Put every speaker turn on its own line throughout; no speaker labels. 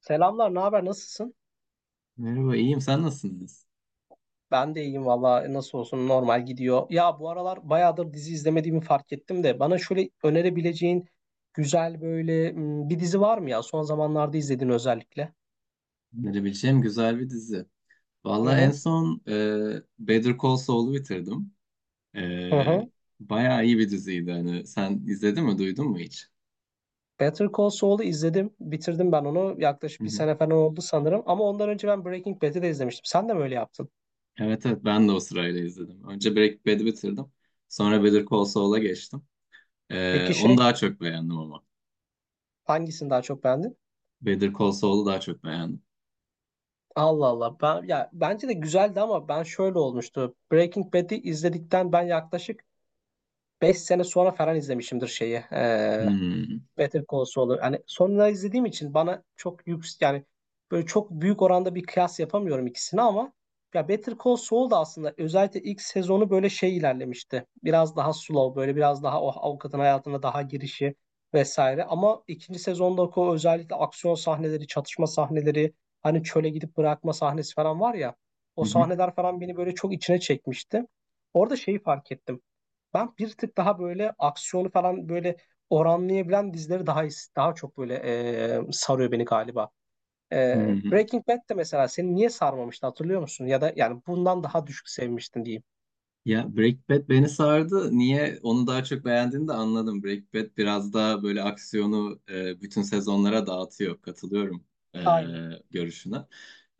Selamlar, ne haber? Nasılsın?
Merhaba, iyiyim. Sen nasılsınız?
Ben de iyiyim valla. Nasıl olsun, normal gidiyor. Ya bu aralar bayağıdır dizi izlemediğimi fark ettim de bana şöyle önerebileceğin güzel bir dizi var mı ya? Son zamanlarda izlediğin özellikle.
Önerebileceğim güzel bir dizi.
Hı
Vallahi en
hı.
son Better Call Saul'u bitirdim. E,
Hı hı.
Bayağı iyi bir diziydi. Hani sen izledin mi, duydun mu hiç?
Better Call Saul'u izledim. Bitirdim ben onu.
Hı
Yaklaşık bir
hı.
sene falan oldu sanırım. Ama ondan önce ben Breaking Bad'i de izlemiştim. Sen de mi öyle yaptın?
Evet evet ben de o sırayla izledim. Önce Breaking Bad'i bitirdim. Sonra Better Call Saul'a geçtim.
Peki
Onu daha çok beğendim ama.
hangisini daha çok beğendin?
Better Call Saul'u daha çok beğendim.
Allah Allah. Ya, bence de güzeldi ama ben şöyle olmuştu. Breaking Bad'i izledikten ben yaklaşık beş sene sonra falan izlemişimdir şeyi.
Hmm.
Better Call Saul'u. Hani sonra izlediğim için bana çok yüksek, yani böyle çok büyük oranda bir kıyas yapamıyorum ikisini ama ya Better Call Saul da aslında özellikle ilk sezonu böyle şey ilerlemişti. Biraz daha slow, böyle biraz daha o avukatın hayatına daha girişi vesaire. Ama ikinci sezonda o özellikle aksiyon sahneleri, çatışma sahneleri, hani çöle gidip bırakma sahnesi falan var ya. O
Hı hı.
sahneler falan beni böyle çok içine çekmişti. Orada şeyi fark ettim. Ben bir tık daha böyle aksiyonu falan böyle oranlayabilen dizileri daha çok böyle sarıyor beni galiba. E,
Hı hı.
Breaking Bad de mesela seni niye sarmamıştı hatırlıyor musun? Ya da yani bundan daha düşük sevmiştin diyeyim.
Ya Breaking Bad beni sardı. Niye onu daha çok beğendiğini de anladım. Breaking Bad biraz daha böyle aksiyonu bütün sezonlara dağıtıyor. Katılıyorum e,
Aynen.
görüşüne.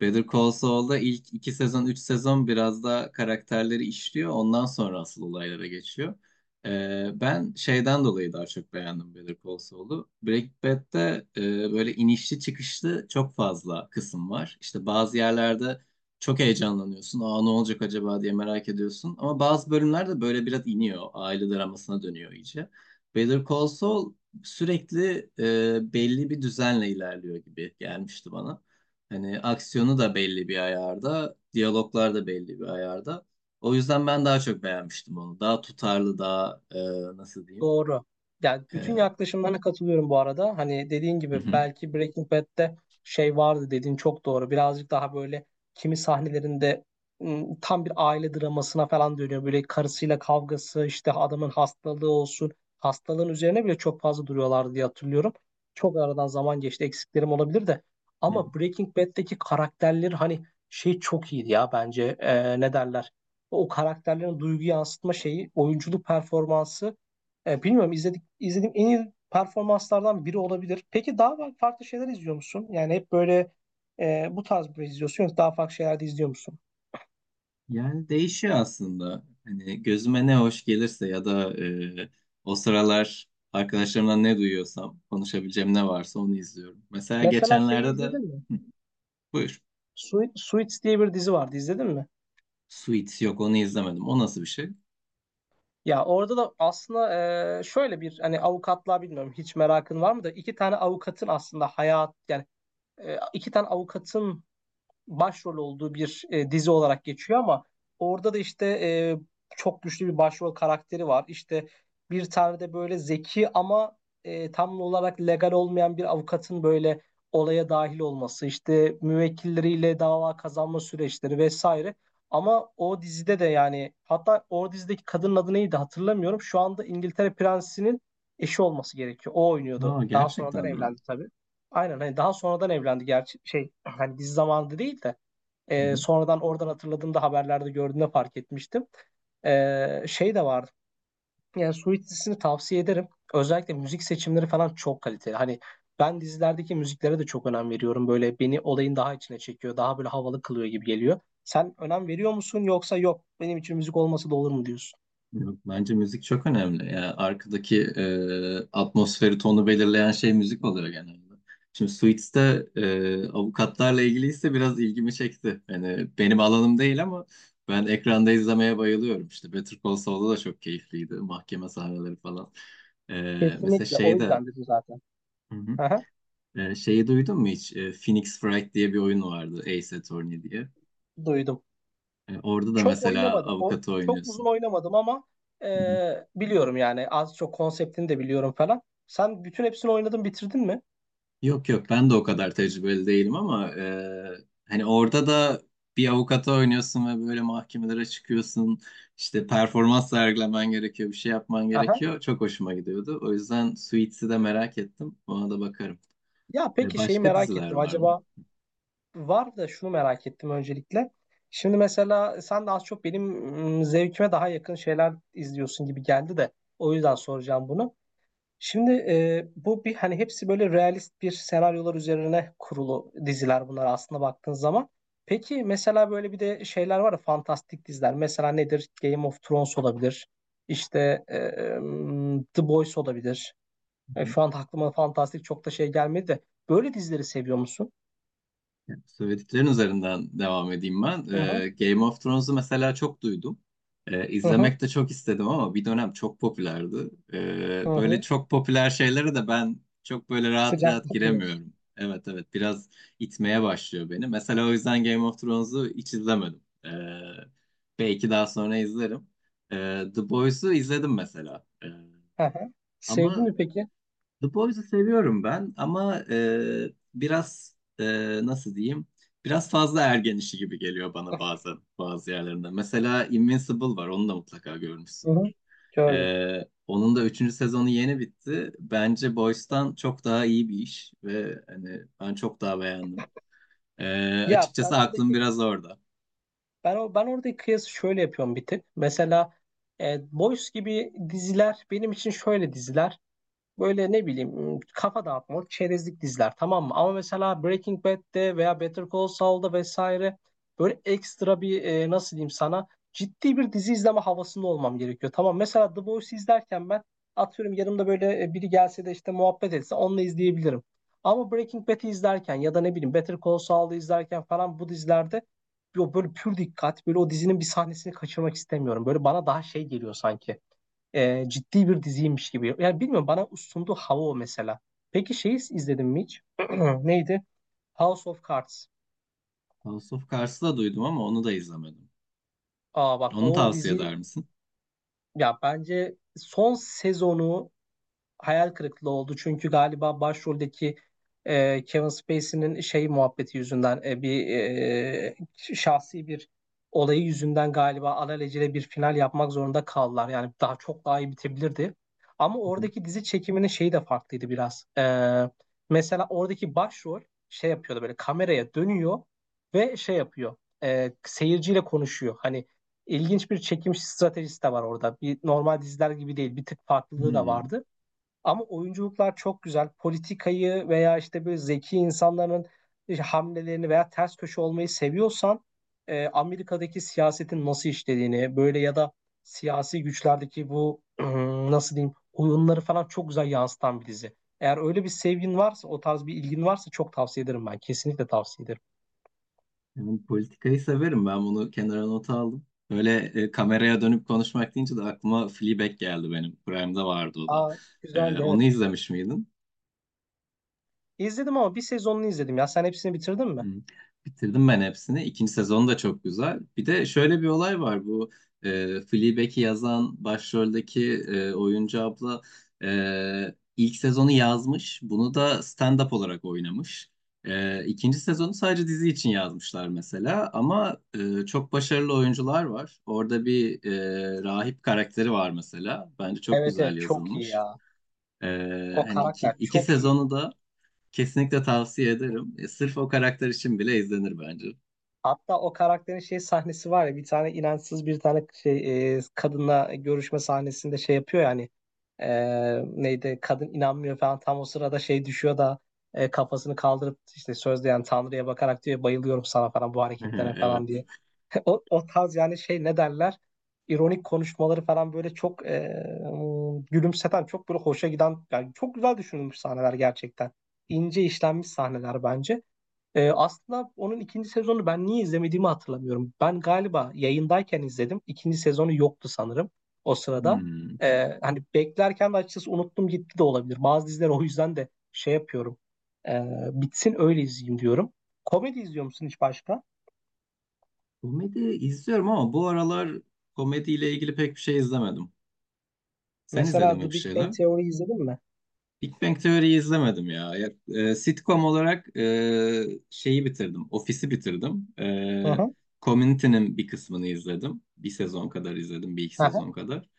Better Call Saul'da ilk iki sezon, üç sezon biraz daha karakterleri işliyor. Ondan sonra asıl olaylara geçiyor. Ben şeyden dolayı daha çok beğendim Better Call Saul'u. Breaking Bad'de böyle inişli çıkışlı çok fazla kısım var. İşte bazı yerlerde çok heyecanlanıyorsun. Aa ne olacak acaba diye merak ediyorsun. Ama bazı bölümler de böyle biraz iniyor. Aile dramasına dönüyor iyice. Better Call Saul sürekli belli bir düzenle ilerliyor gibi gelmişti bana. Hani aksiyonu da belli bir ayarda, diyaloglar da belli bir ayarda. O yüzden ben daha çok beğenmiştim onu. Daha tutarlı, daha nasıl diyeyim?
Doğru. Yani bütün
E,
yaklaşımlarına katılıyorum bu arada. Hani dediğin
Hı
gibi belki Breaking Bad'de şey vardı dediğin çok doğru. Birazcık daha böyle kimi sahnelerinde tam bir aile dramasına falan dönüyor. Böyle karısıyla kavgası, işte adamın hastalığı olsun. Hastalığın üzerine bile çok fazla duruyorlardı diye hatırlıyorum. Çok aradan zaman geçti. Eksiklerim olabilir de.
hı.
Ama Breaking Bad'deki karakterler hani şey çok iyiydi ya bence. Ne derler? O karakterlerin duygu yansıtma şeyi, oyunculuk performansı, bilmiyorum, izlediğim en iyi performanslardan biri olabilir. Peki daha farklı şeyler izliyor musun? Yani hep böyle bu tarz bir şey izliyorsun, yoksa daha farklı şeyler de izliyor musun?
Yani değişiyor aslında. Hani gözüme ne hoş gelirse ya da e, o sıralar arkadaşlarımdan ne duyuyorsam, konuşabileceğim ne varsa onu izliyorum. Mesela
Mesela şeyi
geçenlerde de
izledin mi?
Hı, buyur.
Suits diye bir dizi vardı, izledin mi?
Suits yok onu izlemedim. O nasıl bir şey?
Ya orada da aslında şöyle bir, hani avukatlığa bilmiyorum hiç merakın var mı, da iki tane avukatın aslında hayat yani iki tane avukatın başrol olduğu bir dizi olarak geçiyor ama orada da işte çok güçlü bir başrol karakteri var. İşte bir tane de böyle zeki ama tam olarak legal olmayan bir avukatın böyle olaya dahil olması, işte müvekkilleriyle dava kazanma süreçleri vesaire. Ama o dizide de yani, hatta o dizideki kadının adı neydi hatırlamıyorum. Şu anda İngiltere Prensi'nin eşi olması gerekiyor. O oynuyordu.
Aa
Daha sonradan
gerçekten mi?
evlendi tabii. Aynen, hani daha sonradan evlendi gerçi, şey, hani dizi zamanında değil de.
Hı.
Sonradan oradan hatırladığımda, haberlerde gördüğümde fark etmiştim. Şey de vardı. Yani Suits dizisini tavsiye ederim. Özellikle müzik seçimleri falan çok kaliteli. Hani ben dizilerdeki müziklere de çok önem veriyorum. Böyle beni olayın daha içine çekiyor. Daha böyle havalı kılıyor gibi geliyor. Sen önem veriyor musun, yoksa yok benim için müzik olması da olur mu diyorsun?
Yok, bence müzik çok önemli. Yani arkadaki atmosferi, tonu belirleyen şey müzik oluyor genelde. Şimdi Suits'te avukatlarla ilgiliyse biraz ilgimi çekti. Yani benim alanım değil ama ben ekranda izlemeye bayılıyorum. İşte Better Call Saul'da da çok keyifliydi. Mahkeme sahneleri falan. E, Mesela
Kesinlikle, o
şey de
yüzden dedim zaten.
Hı hı.
Aha,
Şeyi duydun mu hiç? Phoenix Wright diye bir oyun vardı. Ace Attorney diye.
duydum.
Orada da
Çok
mesela
oynamadım. O
avukatı
çok uzun
oynuyorsun.
oynamadım ama biliyorum yani, az çok konseptini de biliyorum falan. Sen bütün hepsini oynadın, bitirdin mi?
Yok yok ben de o kadar tecrübeli değilim ama hani orada da bir avukata oynuyorsun ve böyle mahkemelere çıkıyorsun. İşte performans sergilemen gerekiyor, bir şey yapman
Aha.
gerekiyor. Çok hoşuma gidiyordu. O yüzden Suits'i de merak ettim. Ona da bakarım.
Ya peki şeyi
Başka
merak
diziler
ettim.
var mı?
Acaba var da, şunu merak ettim öncelikle. Şimdi mesela sen de az çok benim zevkime daha yakın şeyler izliyorsun gibi geldi de o yüzden soracağım bunu. Şimdi bu bir, hani hepsi böyle realist bir senaryolar üzerine kurulu diziler bunlar aslında baktığın zaman. Peki mesela böyle bir de şeyler var ya, fantastik diziler. Mesela nedir? Game of Thrones olabilir. İşte The Boys olabilir. Şu an aklıma fantastik çok da şey gelmedi de. Böyle dizileri seviyor musun?
Söylediklerin üzerinden devam edeyim ben.
Hı hı.
Game of Thrones'u mesela çok duydum.
Hı hı
İzlemek de çok istedim ama bir dönem çok popülerdi.
hı
Böyle
hı.
çok popüler şeylere de ben çok böyle rahat
Sıcak
rahat
diyorsun.
giremiyorum. Evet evet biraz itmeye başlıyor beni. Mesela o yüzden Game of Thrones'u hiç izlemedim. Belki daha sonra izlerim. The Boys'u izledim mesela. Ee,
Hı hı. Sevdin
ama
mi peki?
The Boys'u seviyorum ben ama biraz nasıl diyeyim? Biraz fazla ergen işi gibi geliyor bana bazen bazı yerlerinde. Mesela Invincible var, onu da mutlaka
Hı hı.
görmüşsündür.
Gördüm.
Onun da üçüncü sezonu yeni bitti. Bence Boys'tan çok daha iyi bir iş ve hani ben çok daha beğendim. E,
Ya ben
Açıkçası aklım
oradaki
biraz orada.
ben oradaki kıyası şöyle yapıyorum bir tık. Mesela Boys gibi diziler benim için şöyle diziler. Böyle ne bileyim, kafa dağıtmalık, çerezlik diziler, tamam mı? Ama mesela Breaking Bad'de veya Better Call Saul'da vesaire böyle ekstra bir, nasıl diyeyim sana, ciddi bir dizi izleme havasında olmam gerekiyor. Tamam, mesela The Boys izlerken ben atıyorum yanımda böyle biri gelse de işte muhabbet etse onunla izleyebilirim. Ama Breaking Bad'i izlerken ya da ne bileyim Better Call Saul'u izlerken falan, bu dizilerde yo, böyle pür dikkat, böyle o dizinin bir sahnesini kaçırmak istemiyorum. Böyle bana daha şey geliyor sanki, ciddi bir diziymiş gibi. Yani bilmiyorum, bana sunduğu hava o mesela. Peki şeyi izledim mi hiç? Neydi? House of Cards.
House of Cards'ı da duydum ama onu da izlemedim.
Aa bak,
Onu
o
tavsiye
dizi
eder misin?
ya, bence son sezonu hayal kırıklığı oldu. Çünkü galiba başroldeki Kevin Spacey'nin şey muhabbeti yüzünden, şahsi bir olayı yüzünden galiba alelacele bir final yapmak zorunda kaldılar. Yani daha çok daha iyi bitebilirdi. Ama
Hı hı.
oradaki dizi çekiminin şeyi de farklıydı biraz. Mesela oradaki başrol şey yapıyordu, böyle kameraya dönüyor ve şey yapıyor. Seyirciyle konuşuyor. Hani ilginç bir çekim stratejisi de var orada. Bir normal diziler gibi değil. Bir tık farklılığı da
Hmm.
vardı. Ama oyunculuklar çok güzel. Politikayı veya işte böyle zeki insanların işte hamlelerini veya ters köşe olmayı seviyorsan, Amerika'daki siyasetin nasıl işlediğini, böyle ya da siyasi güçlerdeki bu nasıl diyeyim oyunları falan çok güzel yansıtan bir dizi. Eğer öyle bir sevgin varsa, o tarz bir ilgin varsa, çok tavsiye ederim ben. Kesinlikle tavsiye ederim.
Yani politikayı severim ben bunu kenara nota aldım. Öyle kameraya dönüp konuşmak deyince de aklıma Fleabag geldi benim. Prime'da vardı o da.
Aa, güzeldi evet.
Onu izlemiş miydin?
İzledim ama bir sezonunu izledim ya. Sen hepsini bitirdin
Hı.
mi?
Bitirdim ben hepsini. İkinci sezonu da çok güzel. Bir de şöyle bir olay var. Bu Fleabag'i yazan başroldeki oyuncu abla ilk sezonu yazmış. Bunu da stand-up olarak oynamış. İkinci sezonu sadece dizi için yazmışlar mesela. Ama çok başarılı oyuncular var. Orada bir rahip karakteri var mesela. Bence çok
Evet evet,
güzel
çok iyi
yazılmış.
ya.
E,
O
Hani iki,
karakter
iki
çok iyi.
sezonu da Kesinlikle tavsiye ederim. Sırf o karakter için bile izlenir bence.
Hatta o karakterin şey sahnesi var ya, bir tane inançsız, bir tane şey, kadınla görüşme sahnesinde şey yapıyor yani, neydi, kadın inanmıyor falan, tam o sırada şey düşüyor da kafasını kaldırıp işte sözde yani Tanrı'ya bakarak diyor, bayılıyorum sana falan, bu hareketlerine falan
Evet.
diye. O tarz yani şey, ne derler, ironik konuşmaları falan böyle çok gülümseten, çok böyle hoşa giden, yani çok güzel düşünülmüş sahneler gerçekten. İnce işlenmiş sahneler bence. Aslında onun ikinci sezonu ben niye izlemediğimi hatırlamıyorum. Ben galiba yayındayken izledim. İkinci sezonu yoktu sanırım o sırada.
Hmm.
Hani beklerken de açıkçası unuttum gitti de olabilir. Bazı diziler o yüzden de şey yapıyorum. Ee, Bitsin öyle izleyeyim diyorum. Komedi izliyor musun hiç başka?
Komedi izliyorum ama bu aralar komediyle ilgili pek bir şey izlemedim. Sen izledin
Mesela
mi
The
bir
Big Bang
şeyler?
Theory izledin mi?
Big Bang Theory'yi izlemedim ya. Ya, sitcom olarak şeyi bitirdim. Ofisi bitirdim.
Hı hı.
Community'nin bir kısmını izledim. Bir sezon kadar izledim. Bir iki
Aha.
sezon kadar.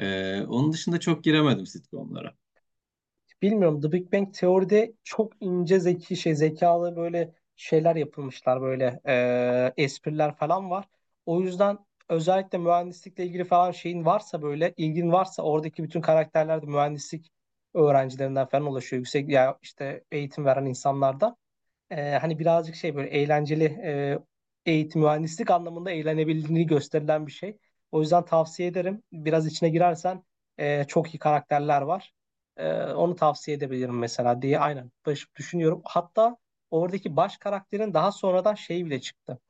Onun dışında çok giremedim sitcomlara.
Bilmiyorum, The Big Bang Teori'de çok ince zeki şey zekalı böyle şeyler yapılmışlar, böyle espriler falan var. O yüzden özellikle mühendislikle ilgili falan şeyin varsa, böyle ilgin varsa, oradaki bütün karakterler de mühendislik öğrencilerinden falan oluşuyor. Yüksek ya işte eğitim veren insanlardan, hani birazcık şey böyle eğlenceli, eğitim mühendislik anlamında eğlenebildiğini gösterilen bir şey. O yüzden tavsiye ederim. Biraz içine girersen çok iyi karakterler var. Onu tavsiye edebilirim mesela diye aynen düşünüyorum. Hatta oradaki baş karakterin daha sonradan şeyi bile çıktı.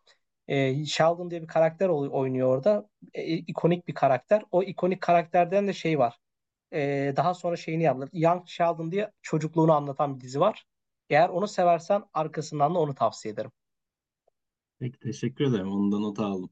Sheldon diye bir karakter oynuyor orada. İkonik bir karakter. O ikonik karakterden de şey var. Daha sonra şeyini yaptılar. Young Sheldon diye çocukluğunu anlatan bir dizi var. Eğer onu seversen arkasından da onu tavsiye ederim.
Peki teşekkür ederim. Ondan not aldım.